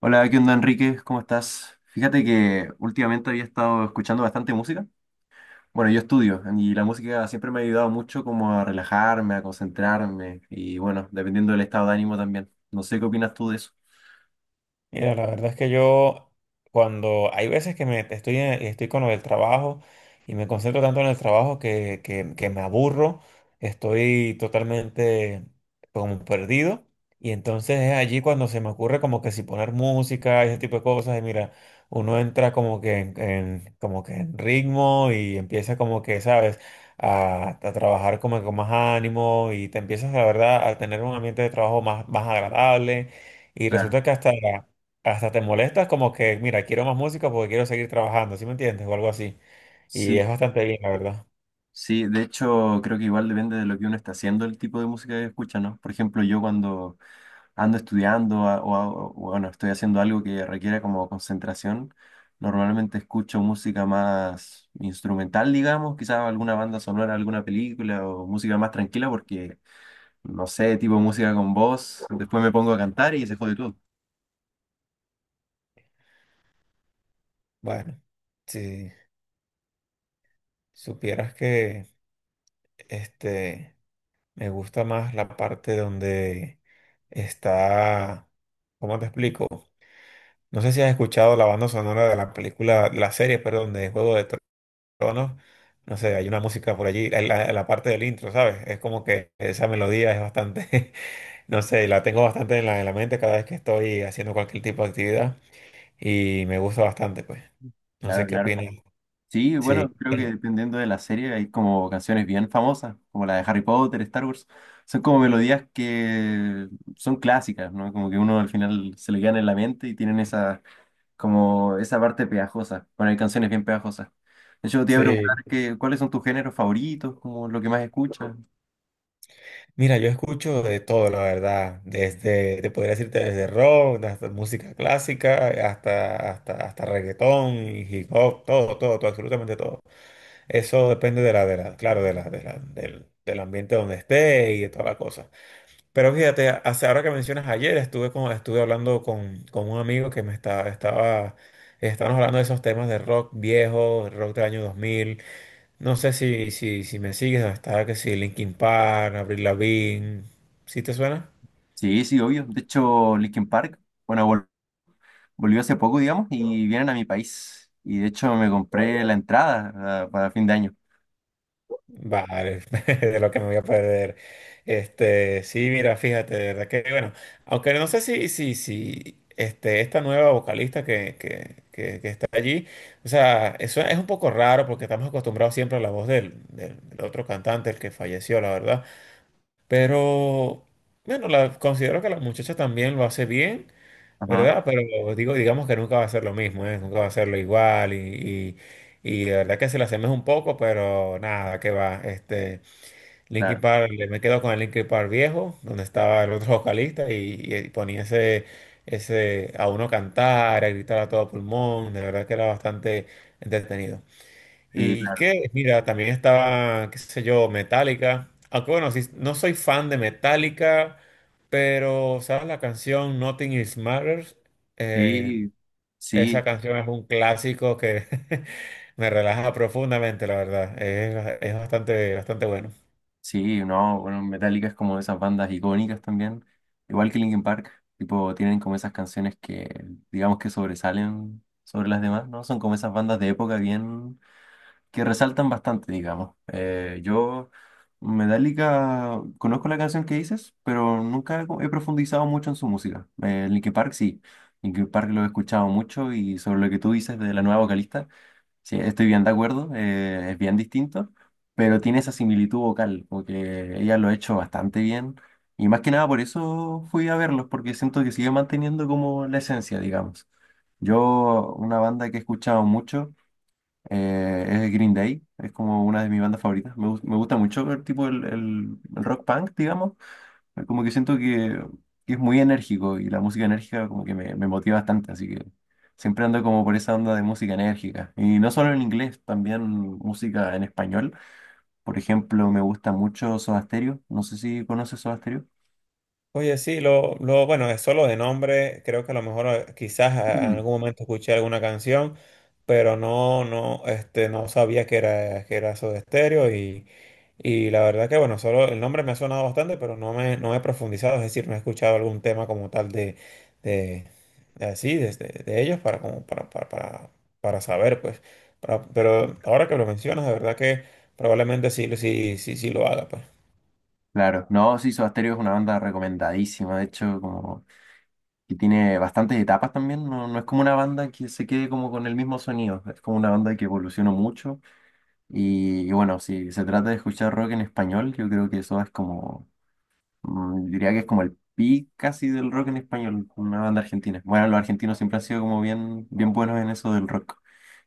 Hola, ¿qué onda Enrique? ¿Cómo estás? Fíjate que últimamente había estado escuchando bastante música. Bueno, yo estudio y la música siempre me ha ayudado mucho como a relajarme, a concentrarme y bueno, dependiendo del estado de ánimo también. No sé qué opinas tú de eso. Mira, la verdad es que yo cuando hay veces que me estoy con lo del trabajo y me concentro tanto en el trabajo que me aburro, estoy totalmente como perdido y entonces es allí cuando se me ocurre como que si poner música y ese tipo de cosas y mira, uno entra como que como que en ritmo y empieza como que, ¿sabes? A trabajar como que con más ánimo y te empiezas, la verdad, a tener un ambiente de trabajo más agradable. Y Claro, resulta que hasta, claro, hasta te molestas como que, mira, quiero más música porque quiero seguir trabajando. ¿Sí me entiendes? O algo así. Y es sí, bastante bien, la verdad. sí, de hecho creo que igual depende de lo que uno está haciendo, el tipo de música que escucha, ¿no? Por ejemplo, yo cuando ando estudiando a- o, bueno, estoy haciendo algo que requiera como concentración, normalmente escucho música más instrumental, digamos, quizás alguna banda sonora, alguna película o música más tranquila porque, no sé, tipo música con voz, después me pongo a cantar y se jode todo. Bueno, si supieras que este me gusta más la parte donde está, ¿cómo te explico? No sé si has escuchado la banda sonora de la película, la serie, perdón, de Juego de Tronos. No sé, hay una música por allí, en la parte del intro, ¿sabes? Es como que esa melodía es bastante, no sé, la tengo bastante en la mente cada vez que estoy haciendo cualquier tipo de actividad y me gusta bastante, pues. No sé Claro, qué claro. opinas. Sí, Sí, bueno, creo que dependiendo de la serie hay como canciones bien famosas, como la de Harry Potter, Star Wars. Son como melodías que son clásicas, ¿no? Como que uno al final se le quedan en la mente y tienen esa como esa parte pegajosa, bueno, hay canciones bien pegajosas. De hecho, te iba a preguntar sí. que, cuáles son tus géneros favoritos, como lo que más escuchas. Mira, yo escucho de todo, la verdad. Desde, te podría decirte desde rock, hasta música clásica, hasta reggaetón y hip hop, todo, todo, todo, absolutamente todo. Eso depende de la, claro, de la, del ambiente donde esté y de toda la cosa. Pero fíjate, ahora que mencionas ayer, estuve, con, estuve hablando con un amigo que estábamos hablando de esos temas de rock viejo, rock del año 2000. No sé si me sigues, está que si Linkin Park, Avril Lavigne, ¿sí te suena? Sí, sí, obvio. De hecho, Linkin Park, bueno, volvió hace poco, digamos, y vienen a mi país. Y de hecho me compré la entrada ah, para fin de año. Vale, de lo que me voy a perder. Sí, mira, fíjate, de verdad que, bueno, aunque no sé si esta nueva vocalista que está allí, o sea, eso es un poco raro porque estamos acostumbrados siempre a la voz del otro cantante, el que falleció, la verdad. Pero, bueno, considero que la muchacha también lo hace bien, Ajá, ¿verdad? Pero digo, digamos que nunca va a ser lo mismo, ¿eh? Nunca va a ser lo igual y- y de verdad que se la asemeja un poco, pero nada, que va. Linkin claro. Park, me quedo con el Linkin Park viejo, donde estaba el otro vocalista y ponía ese, ese a uno cantar, a gritar a todo pulmón, de verdad que era bastante entretenido. Sí, Y claro. que, mira, también estaba, qué sé yo, Metallica, aunque bueno, sí, no soy fan de Metallica, pero, ¿sabes la canción Nothing Is Matters? Eh, Sí, esa sí. canción es un clásico que me relaja profundamente, la verdad, es bastante, bastante bueno. Sí, no, bueno, Metallica es como de esas bandas icónicas también, igual que Linkin Park, tipo, tienen como esas canciones que, digamos que sobresalen sobre las demás, ¿no? Son como esas bandas de época bien, que resaltan bastante, digamos. Yo, Metallica, conozco la canción que dices, pero nunca he profundizado mucho en su música. Linkin Park sí, Linkin Park lo he escuchado mucho y sobre lo que tú dices de la nueva vocalista. Sí, estoy bien de acuerdo, es bien distinto, pero tiene esa similitud vocal, porque ella lo ha hecho bastante bien y más que nada por eso fui a verlos, porque siento que sigue manteniendo como la esencia, digamos. Yo, una banda que he escuchado mucho es Green Day, es como una de mis bandas favoritas, me gusta mucho el tipo, el rock punk, digamos, como que siento que es muy enérgico y la música enérgica como que me motiva bastante, así que siempre ando como por esa onda de música enérgica. Y no solo en inglés, también música en español. Por ejemplo, me gusta mucho Soda Stereo. No sé si conoces Soda Stereo. Oye, sí, bueno, es solo de nombre, creo que a lo mejor quizás en Mm. algún momento escuché alguna canción, pero no, no sabía que era Soda Stereo y la verdad que, bueno, solo el nombre me ha sonado bastante, pero no he profundizado, es decir, no he escuchado algún tema como tal de, de así, de ellos para, como, para saber, pues. Pero ahora que lo mencionas, de verdad que probablemente sí lo haga, pues. Claro, no, sí, Soda Stereo es una banda recomendadísima, de hecho, como que tiene bastantes etapas también, no, no es como una banda que se quede como con el mismo sonido, es como una banda que evolucionó mucho y bueno, si se trata de escuchar rock en español, yo creo que eso es como mm, diría que es como el pic casi del rock en español, una banda argentina. Bueno, los argentinos siempre han sido como bien, bien buenos en eso del rock.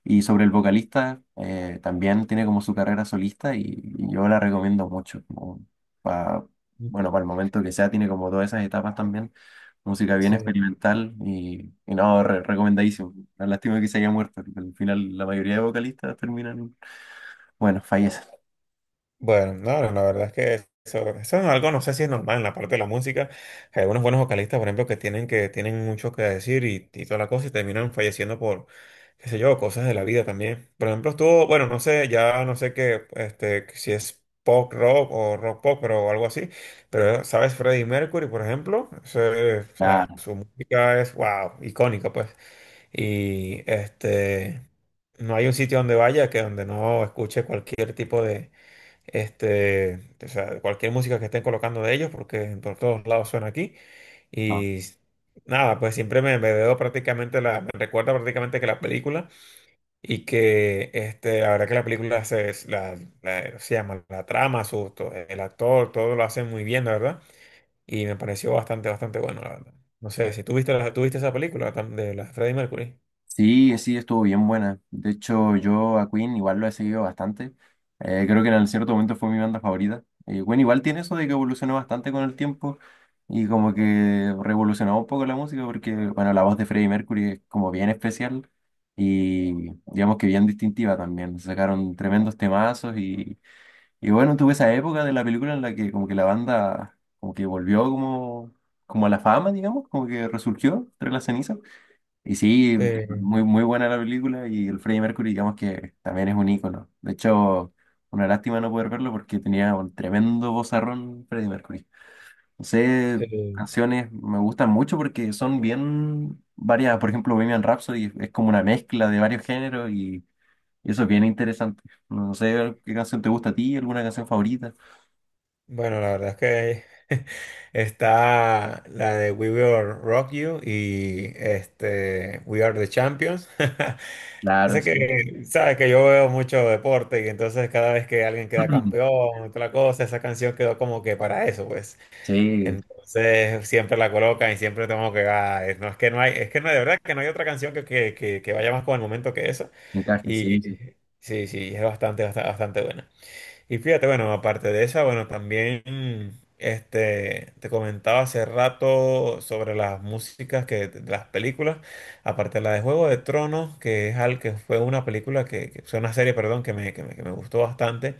Y sobre el vocalista, también tiene como su carrera solista y yo la recomiendo mucho, pa- bueno, para el momento que sea, tiene como todas esas etapas también. Música bien Sí. experimental y no, recomendadísimo. La lástima que se haya muerto, porque al final, la mayoría de vocalistas terminan, bueno, fallecen. Bueno, no, no, la verdad es que eso es algo, no sé si es normal en la parte de la música. Hay algunos buenos vocalistas, por ejemplo, que tienen mucho que decir y toda la cosa y terminan falleciendo por, qué sé yo, cosas de la vida también. Por ejemplo, estuvo, bueno, no sé, ya no sé qué, si es pop rock o rock pop, pero algo así. Pero, ¿sabes? Freddie Mercury, por ejemplo. Ese, o sea, Claro, su música es, wow, icónica, pues. Y no hay un sitio donde vaya que donde no escuche cualquier tipo de o sea, cualquier música que estén colocando de ellos, porque en por todos lados suena aquí. no. Y nada, pues siempre me veo prácticamente me recuerda prácticamente que la película y que la verdad que la película se llama la trama, el actor, todo lo hacen muy bien, la verdad. Y me pareció bastante, bastante bueno, la verdad. No sé, si tú viste, tú viste esa película de la Freddie Mercury. Sí, sí, estuvo bien buena. De hecho, yo a Queen igual lo he seguido bastante. Creo que en cierto momento fue mi banda favorita. Queen igual tiene eso de que evolucionó bastante con el tiempo y como que revolucionó un poco la música porque, bueno, la voz de Freddie Mercury es como bien especial y digamos que bien distintiva también. Sacaron tremendos temazos y bueno, tuve esa época de la película en la que como que la banda como que volvió como, como a la fama, digamos, como que resurgió entre las cenizas. Y sí, Sí, muy, muy buena la película y el Freddie Mercury, digamos que también es un ícono. De hecho, una lástima no poder verlo porque tenía un tremendo vozarrón Freddie Mercury. No sé, sí. canciones me gustan mucho porque son bien variadas. Por ejemplo, Bohemian Rhapsody es como una mezcla de varios géneros y eso es bien interesante. No, no sé qué canción te gusta a ti, alguna canción favorita. Bueno, la verdad es que está la de We Will Rock You y este We Are the Champions. Claro, Así sí. que, sabes que yo veo mucho deporte y entonces cada vez que alguien queda campeón, otra cosa, esa canción quedó como que para eso, pues. Sí, Entonces siempre la colocan y siempre tengo que, ah, no es que no hay, es que no, de verdad que no hay otra canción que vaya más con el momento que esa. encaje, sí, Y sí. sí, sí, es bastante, bastante, bastante buena. Y fíjate, bueno, aparte de esa, bueno, también te comentaba hace rato sobre las músicas que, de las películas, aparte de la de Juego de Tronos, que es al que fue una película fue una serie, perdón, que me gustó bastante.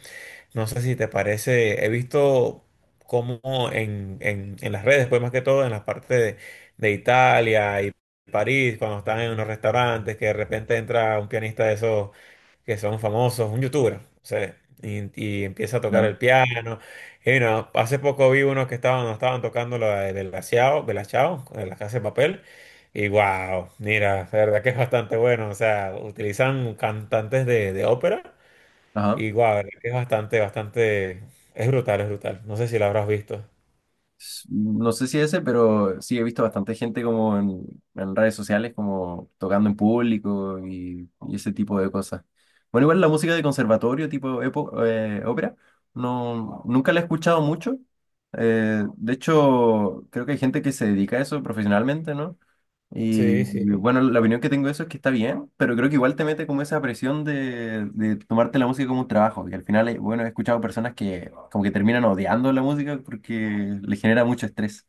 No sé si te parece, he visto cómo en, en las redes, pues más que todo en las partes de Italia y París, cuando están en unos restaurantes, que de repente entra un pianista de esos que son famosos, un youtuber, o sea, y empieza a tocar Claro. el piano. Y bueno, hace poco vi unos que estaban, no estaban tocando la de Belachao, Belachao, de la Casa de Papel. Y wow, mira, la verdad que es bastante bueno. O sea, utilizan cantantes de ópera Ajá. y guau, es bastante, bastante, es brutal, es brutal. No sé si la habrás visto. No sé si ese, pero sí he visto bastante gente como en redes sociales, como tocando en público y ese tipo de cosas. Bueno, igual la música de conservatorio, tipo ópera, no, nunca la he escuchado mucho. De hecho, creo que hay gente que se dedica a eso profesionalmente, ¿no? Y Sí, sí. bueno, la opinión que tengo de eso es que está bien, pero creo que igual te mete como esa presión de tomarte la música como un trabajo. Y al final, bueno, he escuchado personas que como que terminan odiando la música porque le genera mucho estrés.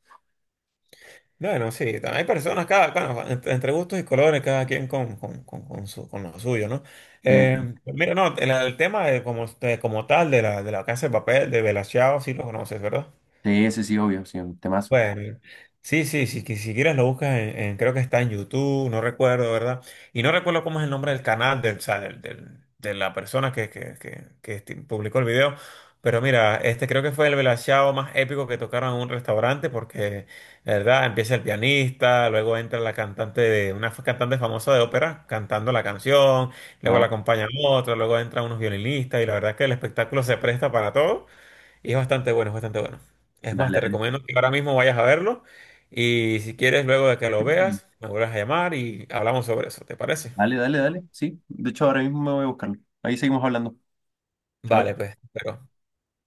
Bueno, sí, también hay personas, cada, bueno, entre gustos y colores, cada quien con su, con lo suyo, ¿no? Eh, Mira, no, el tema de como tal de de la Casa de Papel, de Bella Ciao, sí lo conoces, ¿verdad? Sí, sí, ese sí, obvio, sí, un temazo. Bueno, sí, que si quieres lo buscas en, creo que está en YouTube, no recuerdo, ¿verdad? Y no recuerdo cómo es el nombre del canal, del, o sea, de la persona que publicó el video. Pero mira, este creo que fue el velachao más épico que tocaron en un restaurante porque, la ¿verdad? Empieza el pianista, luego entra la cantante de, una cantante famosa de ópera cantando la canción, luego la Ajá, acompaña otra, luego entran unos violinistas y la verdad es que el espectáculo se presta para todo. Y es bastante bueno, es bastante bueno. Es más, dale, te dale. recomiendo que ahora mismo vayas a verlo y si quieres, luego de que lo veas, me vuelvas a llamar y hablamos sobre eso, ¿te parece? Dale, dale, dale, sí. De hecho, ahora mismo me voy a buscarlo. Ahí seguimos hablando. Chao. Vale, pues, pero...